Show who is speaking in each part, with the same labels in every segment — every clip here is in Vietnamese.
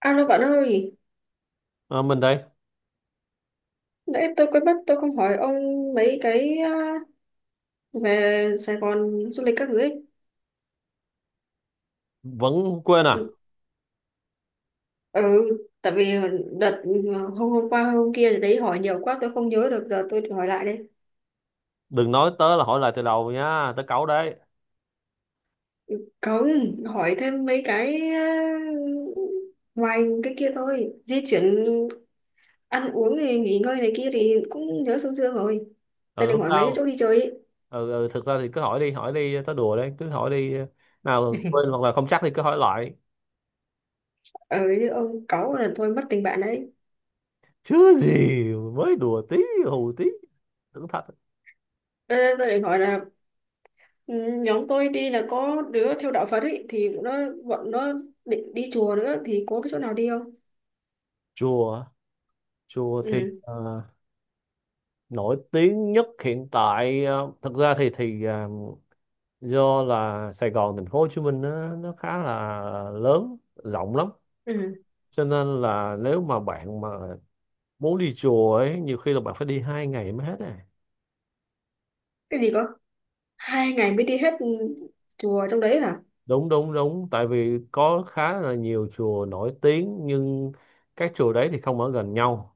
Speaker 1: Alo bạn ơi,
Speaker 2: Ờ, mình đây.
Speaker 1: nãy tôi quên mất tôi không hỏi ông mấy cái à, về Sài Gòn du lịch các thứ ấy.
Speaker 2: Vẫn quên à?
Speaker 1: Ừ, tại vì đợt à, hôm hôm qua hôm kia đấy hỏi nhiều quá tôi không nhớ được giờ tôi thử hỏi lại đây.
Speaker 2: Đừng nói tớ là hỏi lại từ đầu nha, tớ cáu đấy.
Speaker 1: Không, hỏi thêm mấy cái à, ngoài cái kia thôi. Di chuyển ăn uống thì nghỉ ngơi này kia thì cũng nhớ sương sương rồi. Tôi
Speaker 2: Ừ,
Speaker 1: định
Speaker 2: không
Speaker 1: hỏi mấy cái chỗ
Speaker 2: sao.
Speaker 1: đi chơi ấy.
Speaker 2: Ừ, ừ thực ra thì cứ hỏi đi hỏi đi, tớ đùa đấy, cứ hỏi đi, nào quên hoặc là không chắc thì cứ hỏi lại.
Speaker 1: Ờ, như ông cáu là thôi mất tình bạn đấy.
Speaker 2: Chứ gì, mới đùa tí, hù tí, tưởng thật.
Speaker 1: Đây, đây, tôi định hỏi là ừ, nhóm tôi đi là có đứa theo đạo Phật ấy thì nó bọn nó định đi chùa nữa thì có cái chỗ nào đi không?
Speaker 2: Chùa, chùa thì
Speaker 1: Ừ.
Speaker 2: ờ, nổi tiếng nhất hiện tại, thực ra thì do là Sài Gòn, thành phố Hồ Chí Minh nó khá là lớn, rộng lắm,
Speaker 1: Ừ.
Speaker 2: cho nên là nếu mà bạn mà muốn đi chùa ấy, nhiều khi là bạn phải đi 2 ngày mới hết à.
Speaker 1: Cái gì cơ? Hai ngày mới đi hết ừ, chùa trong đấy hả?
Speaker 2: Đúng đúng đúng, tại vì có khá là nhiều chùa nổi tiếng nhưng các chùa đấy thì không ở gần nhau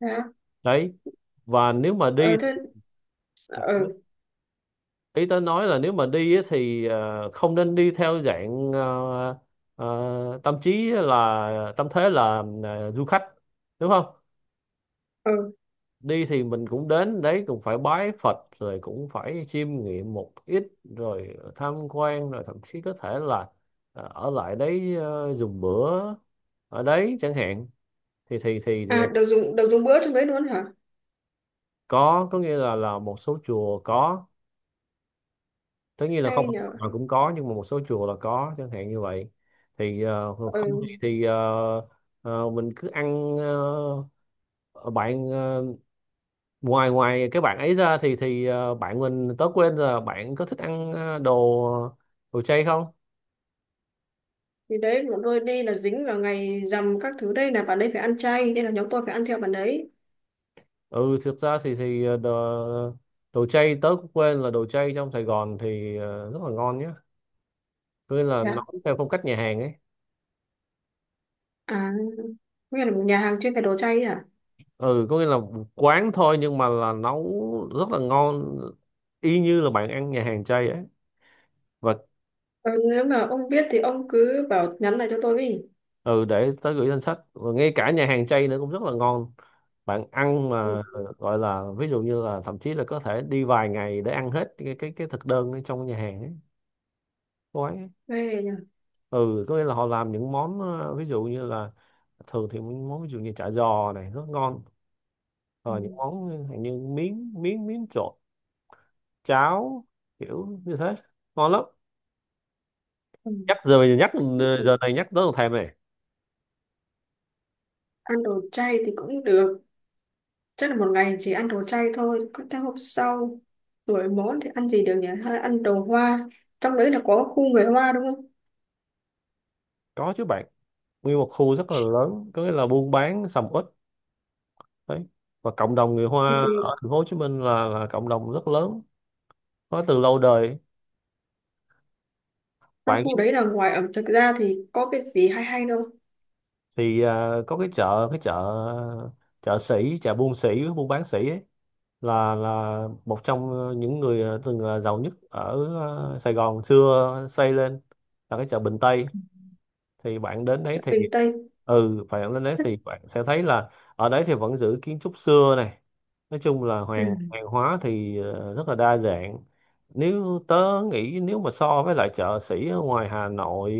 Speaker 1: Hả?
Speaker 2: đấy. Và nếu mà
Speaker 1: Ờ
Speaker 2: đi,
Speaker 1: thế ờ
Speaker 2: ý tôi nói là nếu mà đi ấy, thì không nên đi theo dạng, tâm trí là tâm thế là du khách, đúng không?
Speaker 1: ờ
Speaker 2: Đi thì mình cũng đến đấy cũng phải bái Phật, rồi cũng phải chiêm nghiệm một ít, rồi tham quan, rồi thậm chí có thể là ở lại đấy, dùng bữa ở đấy chẳng hạn, thì
Speaker 1: à đầu dùng bữa trong đấy luôn hả?
Speaker 2: có nghĩa là một số chùa có, tất nhiên là không
Speaker 1: Hay nhờ.
Speaker 2: hoàn toàn cũng có, nhưng mà một số chùa là có chẳng hạn như vậy.
Speaker 1: Ờ
Speaker 2: Không thì mình cứ ăn. ờ, bạn ờ, Ngoài ngoài cái bạn ấy ra thì bạn mình, tớ quên là bạn có thích ăn đồ đồ chay không?
Speaker 1: thì đấy bọn tôi đi là dính vào ngày rằm các thứ đây là bạn đấy phải ăn chay nên là nhóm tôi phải ăn theo bạn đấy.
Speaker 2: Ừ thực ra thì đồ, đồ chay tớ cũng quên là đồ chay trong Sài Gòn thì rất là ngon nhé, có nghĩa là
Speaker 1: Dạ.
Speaker 2: nấu theo phong cách nhà hàng ấy.
Speaker 1: À, nghĩa là một nhà hàng chuyên về đồ chay ấy hả?
Speaker 2: Ừ có nghĩa là quán thôi nhưng mà là nấu rất là ngon, y như là bạn ăn nhà hàng chay ấy. Và
Speaker 1: Ờ, nếu mà ông biết thì ông cứ bảo nhắn lại cho tôi đi.
Speaker 2: ừ để tới gửi danh sách, và ngay cả nhà hàng chay nữa cũng rất là ngon. Bạn ăn
Speaker 1: Ừ.
Speaker 2: mà gọi là ví dụ như là thậm chí là có thể đi vài ngày để ăn hết cái thực đơn ở trong nhà hàng ấy, quán ấy.
Speaker 1: Ghê nhờ.
Speaker 2: Ừ có nghĩa là họ làm những món, ví dụ như là thường thì những món ví dụ như chả giò này rất ngon,
Speaker 1: Ừ.
Speaker 2: rồi những món như miếng miếng miếng trộn, cháo, kiểu như thế, ngon lắm.
Speaker 1: Ừ.
Speaker 2: Nhắc giờ mình nhắc, giờ này nhắc tới thèm này.
Speaker 1: Ăn đồ chay thì cũng được, chắc là một ngày chỉ ăn đồ chay thôi có theo hôm sau đổi món thì ăn gì được nhỉ, hay ăn đồ hoa trong đấy là có khu người hoa đúng không?
Speaker 2: Có chứ bạn, nguyên một khu rất là lớn, có nghĩa là buôn bán sầm uất đấy. Và cộng đồng người
Speaker 1: thì,
Speaker 2: Hoa
Speaker 1: thì
Speaker 2: ở thành phố Hồ Chí Minh là cộng đồng rất lớn, có từ lâu đời.
Speaker 1: trong
Speaker 2: Bạn
Speaker 1: khu đấy là ngoài ẩm thực ra thì có cái gì hay hay đâu?
Speaker 2: thì à, có cái chợ, chợ sĩ, chợ buôn sĩ, buôn bán sĩ ấy, là một trong những người à, từng là giàu nhất ở à, Sài Gòn xưa xây lên, là cái chợ Bình Tây. Thì bạn đến đấy
Speaker 1: Chợ
Speaker 2: thì
Speaker 1: Bình Tây.
Speaker 2: ừ bạn lên đấy
Speaker 1: Thế-
Speaker 2: thì bạn sẽ thấy là ở đấy thì vẫn giữ kiến trúc xưa này. Nói chung là hoàng
Speaker 1: ừ.
Speaker 2: hoàng hóa thì rất là đa dạng. Nếu tớ nghĩ, nếu mà so với lại chợ sĩ ở ngoài Hà Nội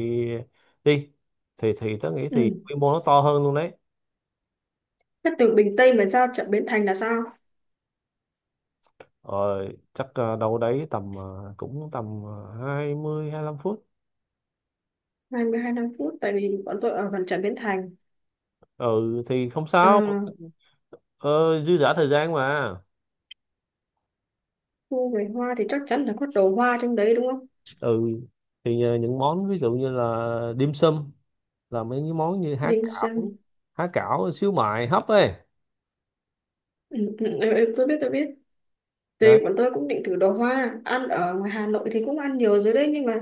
Speaker 2: đi, thì tớ nghĩ thì
Speaker 1: Ừ.
Speaker 2: quy mô nó to hơn luôn đấy.
Speaker 1: Thế từ Bình Tây mà ra chợ Bến Thành là sao?
Speaker 2: Rồi chắc đâu đấy tầm cũng tầm 20 lăm phút.
Speaker 1: 22 năm phút tại vì bọn tôi ở gần chợ Bến Thành.
Speaker 2: Ừ thì không
Speaker 1: Ờ,
Speaker 2: sao, ờ, dư dả thời gian mà.
Speaker 1: khu người hoa thì chắc chắn là có đồ hoa trong đấy đúng không?
Speaker 2: Ừ thì những món ví dụ như là dim sum, là mấy cái món như
Speaker 1: Đi
Speaker 2: há cảo,
Speaker 1: xem.
Speaker 2: há cảo xíu mại hấp ấy
Speaker 1: Ừ, ừ, ừ, ừ, tôi biết tôi biết. Thì
Speaker 2: đấy.
Speaker 1: bọn tôi cũng định thử đồ hoa, ăn ở ngoài Hà Nội thì cũng ăn nhiều rồi đấy nhưng mà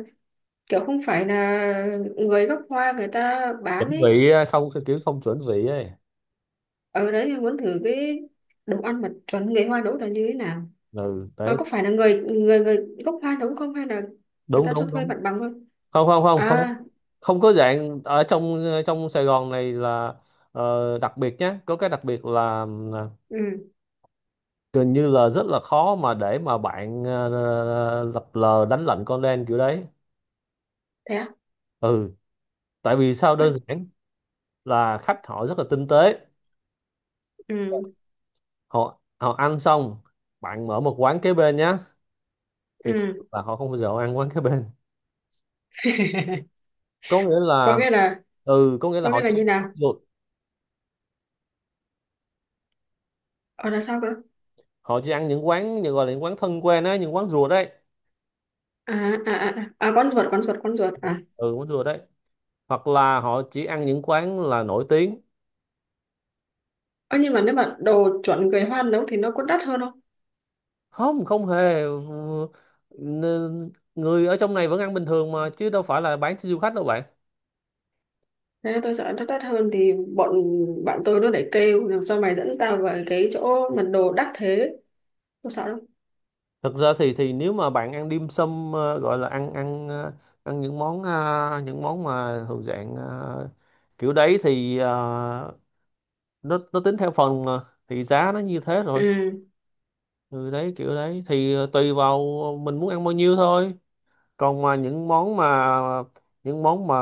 Speaker 1: kiểu không phải là người gốc hoa người ta bán
Speaker 2: Chuẩn
Speaker 1: ấy.
Speaker 2: vị, không kiểu không chuẩn vị ấy.
Speaker 1: Ở đấy thì muốn thử cái đồ ăn mà chuẩn người hoa nấu là như thế nào,
Speaker 2: Ừ
Speaker 1: mà
Speaker 2: đấy.
Speaker 1: có phải là người người người gốc hoa nấu không hay là người
Speaker 2: Đúng
Speaker 1: ta cho
Speaker 2: đúng
Speaker 1: thuê
Speaker 2: đúng.
Speaker 1: mặt bằng thôi?
Speaker 2: không không không không
Speaker 1: À.
Speaker 2: không có dạng ở trong, trong Sài Gòn này là đặc biệt nhé, có cái đặc biệt là
Speaker 1: Ừ.
Speaker 2: gần như là rất là khó mà để mà bạn lập lờ đánh lận con đen kiểu đấy.
Speaker 1: Thế à.
Speaker 2: Ừ, tại vì sao?
Speaker 1: Ôi,
Speaker 2: Đơn giản là khách họ rất là tinh tế,
Speaker 1: ừ
Speaker 2: họ họ ăn xong bạn mở một quán kế bên nhé, thì thật sự
Speaker 1: ừ.
Speaker 2: là họ không bao giờ họ ăn quán kế bên, có nghĩa
Speaker 1: Có
Speaker 2: là
Speaker 1: nghĩa là,
Speaker 2: ừ có nghĩa
Speaker 1: có
Speaker 2: là họ
Speaker 1: nghĩa là
Speaker 2: chỉ
Speaker 1: như nào?
Speaker 2: được,
Speaker 1: Ở là sao cơ?
Speaker 2: họ chỉ ăn những quán như gọi là những quán thân quen á, những quán rùa đấy.
Speaker 1: À à à à à, con ruột à?
Speaker 2: Ừ quán rùa đấy, hoặc là họ chỉ ăn những quán là nổi tiếng.
Speaker 1: Ơ nhưng mà nếu mà đồ chuẩn người hoa nấu thì nó có đắt hơn không?
Speaker 2: Không, không hề. N- người ở trong này vẫn ăn bình thường mà, chứ đâu phải là bán cho du khách đâu bạn.
Speaker 1: Thế tôi sợ nó đắt hơn thì bọn bạn tôi nó lại kêu làm sao mày dẫn tao vào cái chỗ mà đồ đắt thế, tôi sợ lắm.
Speaker 2: Thực ra thì nếu mà bạn ăn dim sum, gọi là ăn ăn ờ, ăn những món, những món mà thuộc dạng kiểu đấy thì nó tính theo phần mà thì giá nó như thế rồi.
Speaker 1: Ừ
Speaker 2: Ừ đấy, kiểu đấy thì tùy vào mình muốn ăn bao nhiêu thôi. Còn mà những món mà, những món mà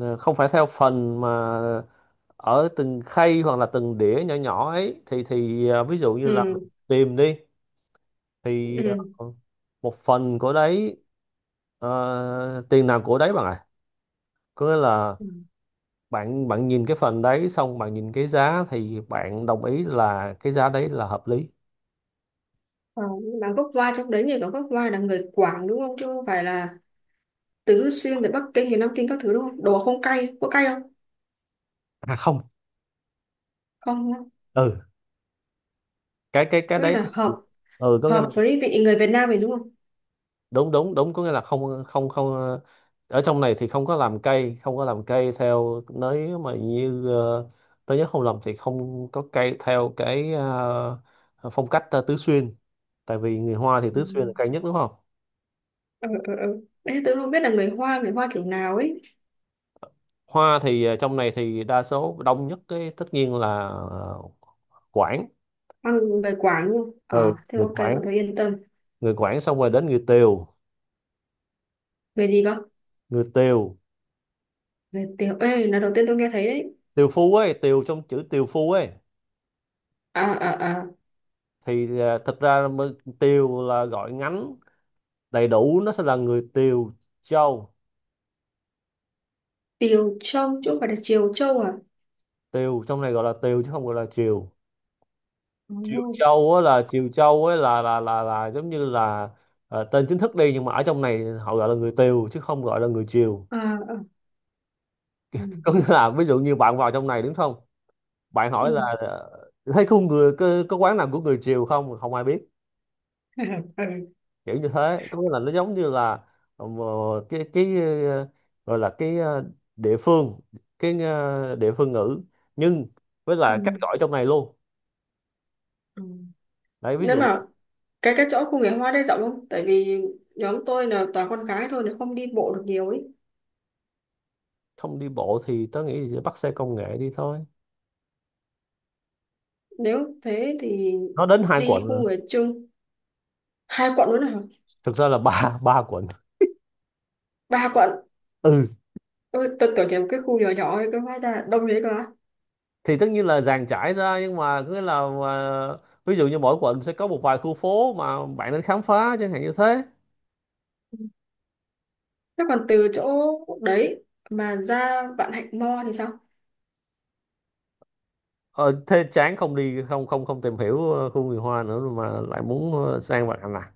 Speaker 2: không phải theo phần mà ở từng khay hoặc là từng đĩa nhỏ nhỏ ấy, thì ví dụ như là mình
Speaker 1: ừ
Speaker 2: tìm đi, thì
Speaker 1: ừ.
Speaker 2: ờ, một phần của đấy, tiền nào của đấy bạn ạ, có nghĩa là
Speaker 1: Ừ.
Speaker 2: bạn bạn nhìn cái phần đấy xong bạn nhìn cái giá thì bạn đồng ý là cái giá đấy là hợp lý.
Speaker 1: Ờ, nhưng mà gốc hoa trong đấy nhỉ, có gốc hoa là người Quảng đúng không, chứ không phải là tứ xuyên, từ Bắc Kinh thì Nam Kinh các thứ đúng không, đồ không cay, có cay không?
Speaker 2: À không.
Speaker 1: Không đúng không?
Speaker 2: Ừ. Cái
Speaker 1: Có nghĩa
Speaker 2: đấy,
Speaker 1: là hợp,
Speaker 2: ừ có nghĩa là
Speaker 1: hợp với vị người Việt Nam mình đúng không?
Speaker 2: đúng đúng đúng, có nghĩa là không không không ờ, ở trong này thì không có làm cây, không có làm cây theo, nếu mà như tôi nhớ không lầm thì không có cây theo cái, phong cách Tứ Xuyên, tại vì người Hoa thì
Speaker 1: Ừ.
Speaker 2: Tứ Xuyên là cây nhất đúng không.
Speaker 1: Ừ ừ ừ, đấy tôi không biết là người Hoa kiểu nào ấy.
Speaker 2: Hoa thì trong này thì đa số đông nhất cái tất nhiên là Quảng.
Speaker 1: Hoa, người Quảng đúng không?
Speaker 2: Ừ,
Speaker 1: Ờ thế
Speaker 2: người
Speaker 1: ok
Speaker 2: Quảng,
Speaker 1: bọn tôi yên tâm.
Speaker 2: người Quảng, xong rồi đến người Tiều.
Speaker 1: Người gì cơ?
Speaker 2: Người Tiều,
Speaker 1: Người Tiểu Ê là đầu tiên tôi nghe thấy đấy.
Speaker 2: Tiều Phú ấy, Tiều trong chữ Tiều Phú ấy.
Speaker 1: À à à.
Speaker 2: Thì à, thực ra mới- Tiều là gọi ngắn, đầy đủ nó sẽ là người Tiều Châu.
Speaker 1: Tiều Châu chứ không phải là Triều Châu à?
Speaker 2: Tiều trong này gọi là Tiều chứ không gọi là Triều.
Speaker 1: Ừ.
Speaker 2: Triều Châu á, là Triều Châu á, là giống như là tên chính thức đi, nhưng mà ở trong này họ gọi là người Tiều chứ không gọi là người Triều.
Speaker 1: À, à. Ừ.
Speaker 2: Có nghĩa là ví dụ như bạn vào trong này đúng không, bạn
Speaker 1: Ừ.
Speaker 2: hỏi là thấy có người có quán nào của người Triều không, không ai biết, kiểu như thế. Có nghĩa là nó giống như là ờ, cái cái ờ, gọi là địa phương, địa phương ngữ, nhưng với
Speaker 1: Ừ.
Speaker 2: là cách
Speaker 1: Ừ.
Speaker 2: gọi trong này luôn
Speaker 1: Ừ.
Speaker 2: đấy. Ví
Speaker 1: Nếu
Speaker 2: dụ,
Speaker 1: mà cái chỗ khu nghệ hoa đấy rộng không, tại vì nhóm tôi là toàn con gái thôi nên không đi bộ được nhiều ấy.
Speaker 2: không đi bộ thì tớ nghĩ là bắt xe công nghệ đi thôi,
Speaker 1: Nếu thế thì
Speaker 2: nó đến hai
Speaker 1: đi
Speaker 2: quận
Speaker 1: khu
Speaker 2: rồi.
Speaker 1: người chung hai quận nữa hả?
Speaker 2: Thực ra là ba 3 quận.
Speaker 1: Ba quận?
Speaker 2: Ừ
Speaker 1: Ôi, tôi tưởng chỉ một cái khu nhỏ nhỏ thôi cơ, hóa ra là đông thế cơ á.
Speaker 2: thì tất nhiên là dàn trải ra, nhưng mà cứ là ví dụ như mỗi quận sẽ có một vài khu phố mà bạn nên khám phá chẳng hạn như thế.
Speaker 1: Thế còn từ chỗ đấy mà ra Vạn Hạnh Mo thì sao?
Speaker 2: Ờ thế chán không đi, không không không tìm hiểu khu người Hoa nữa rồi mà lại muốn sang bạn à.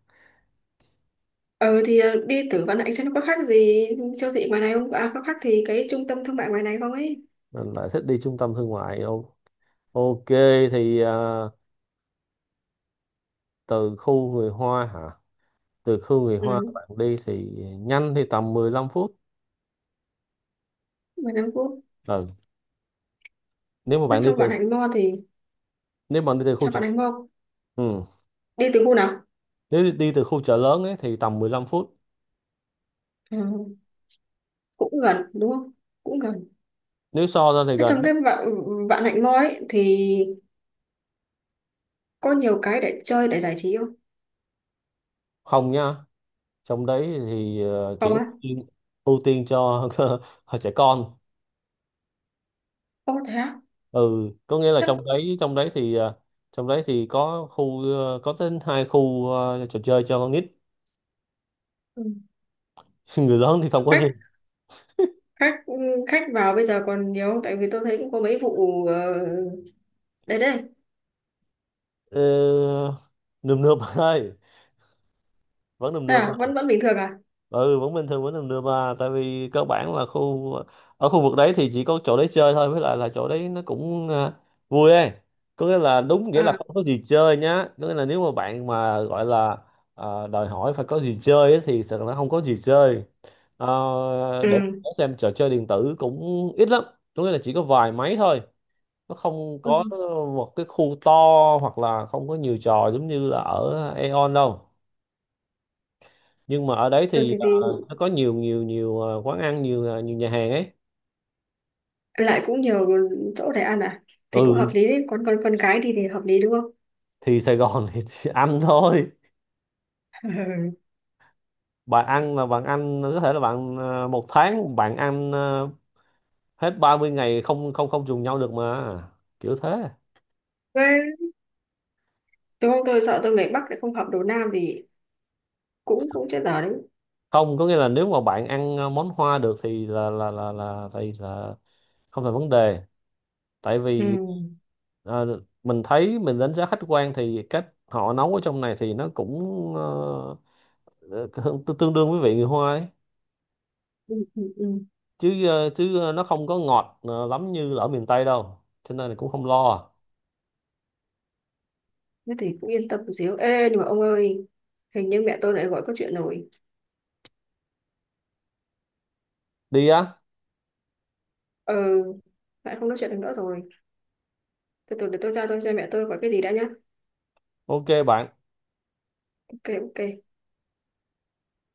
Speaker 1: Ờ thì ờ, đi tử văn anh xem nó có khác gì siêu thị ngoài này không? À có khác thì cái trung tâm thương mại ngoài này không ấy?
Speaker 2: Mình lại thích đi trung tâm thương mại. Ô- ok, thì à, từ khu người Hoa hả? Từ khu người Hoa
Speaker 1: Ừ,
Speaker 2: bạn đi thì nhanh thì tầm 15 phút.
Speaker 1: ngoài Nam Quốc.
Speaker 2: Ừ. Nếu mà
Speaker 1: Thế
Speaker 2: bạn đi
Speaker 1: trong Vạn
Speaker 2: từ,
Speaker 1: Hạnh Mall thì
Speaker 2: nếu bạn đi từ khu
Speaker 1: trong
Speaker 2: chợ,
Speaker 1: Vạn Hạnh Mall
Speaker 2: ừ.
Speaker 1: đi từ khu nào?
Speaker 2: Nếu đi đi từ khu chợ lớn ấy thì tầm 15 phút.
Speaker 1: Ừ, cũng gần đúng không? Cũng gần.
Speaker 2: Nếu so ra thì
Speaker 1: Thế
Speaker 2: gần
Speaker 1: trong
Speaker 2: hết.
Speaker 1: cái Vạn Vạn Hạnh Mall ấy thì có nhiều cái để chơi để giải trí không?
Speaker 2: Không nha. Trong đấy thì chỉ
Speaker 1: Không á?
Speaker 2: ưu tiên cho trẻ con.
Speaker 1: Không thế á?
Speaker 2: Ừ, có nghĩa là
Speaker 1: Chắc
Speaker 2: trong đấy thì trong đấy thì có khu có đến 2 khu trò chơi cho con nít.
Speaker 1: ừ.
Speaker 2: Người lớn thì không có gì.
Speaker 1: Khách, khách ừ, khách vào bây giờ còn nhiều không? Tại vì tôi thấy cũng có mấy vụ đấy đây.
Speaker 2: Ờ, nườm nượp bạn ơi, vẫn nườm nượp
Speaker 1: À
Speaker 2: à.
Speaker 1: vẫn vẫn bình thường à?
Speaker 2: Ừ vẫn bình thường, vẫn nườm nượp à, tại vì cơ bản là khu, ở khu vực đấy thì chỉ có chỗ đấy chơi thôi, với lại là chỗ đấy nó cũng à, vui ấy, có nghĩa là đúng nghĩa là
Speaker 1: À
Speaker 2: không có gì chơi nhá, có nghĩa là nếu mà bạn mà gọi là à, đòi hỏi phải có gì chơi ấy, thì thật là không có gì chơi. Ờ, để
Speaker 1: ừ.
Speaker 2: xem, trò chơi điện tử cũng ít lắm, có nghĩa là chỉ có vài máy thôi, nó không
Speaker 1: Ừ.
Speaker 2: có một cái khu to, hoặc là không có nhiều trò giống như là ở Aeon đâu. Nhưng mà ở đấy
Speaker 1: Ừ,
Speaker 2: thì
Speaker 1: thì
Speaker 2: ờ, nó có nhiều nhiều nhiều quán ăn, nhiều nhiều nhà hàng ấy.
Speaker 1: lại cũng nhiều chỗ để ăn à, thì cũng hợp
Speaker 2: Ừ
Speaker 1: lý đấy, con gái đi thì hợp lý đúng không?
Speaker 2: thì Sài Gòn thì chỉ ăn thôi. Bạn ăn là bạn ăn có thể là bạn một tháng bạn ăn hết 30 ngày, không không không trùng nhau được mà, kiểu thế.
Speaker 1: Thế đúng không, tôi sợ tôi người Bắc lại không hợp đồ Nam thì cũng cũng chết dở đấy.
Speaker 2: Không, có nghĩa là nếu mà bạn ăn món Hoa được thì là thì là không thành vấn đề, tại
Speaker 1: Ừ.
Speaker 2: vì mình thấy, mình đánh giá khách quan thì cách họ nấu ở trong này thì nó cũng ờ, tương tương đương với vị người Hoa ấy,
Speaker 1: Ừ, ừ, ừ.
Speaker 2: chứ nó không có ngọt lắm như là ở miền Tây đâu, cho nên là cũng không lo.
Speaker 1: Thế thì cũng yên tâm một xíu, ê nhưng mà ông ơi, hình như mẹ tôi lại gọi có chuyện rồi.
Speaker 2: Đi á,
Speaker 1: Ờ, lại không nói chuyện được nữa rồi, từ từ để tôi ra tôi xem mẹ tôi gọi cái gì đã nhá.
Speaker 2: ok bạn.
Speaker 1: Ok ok.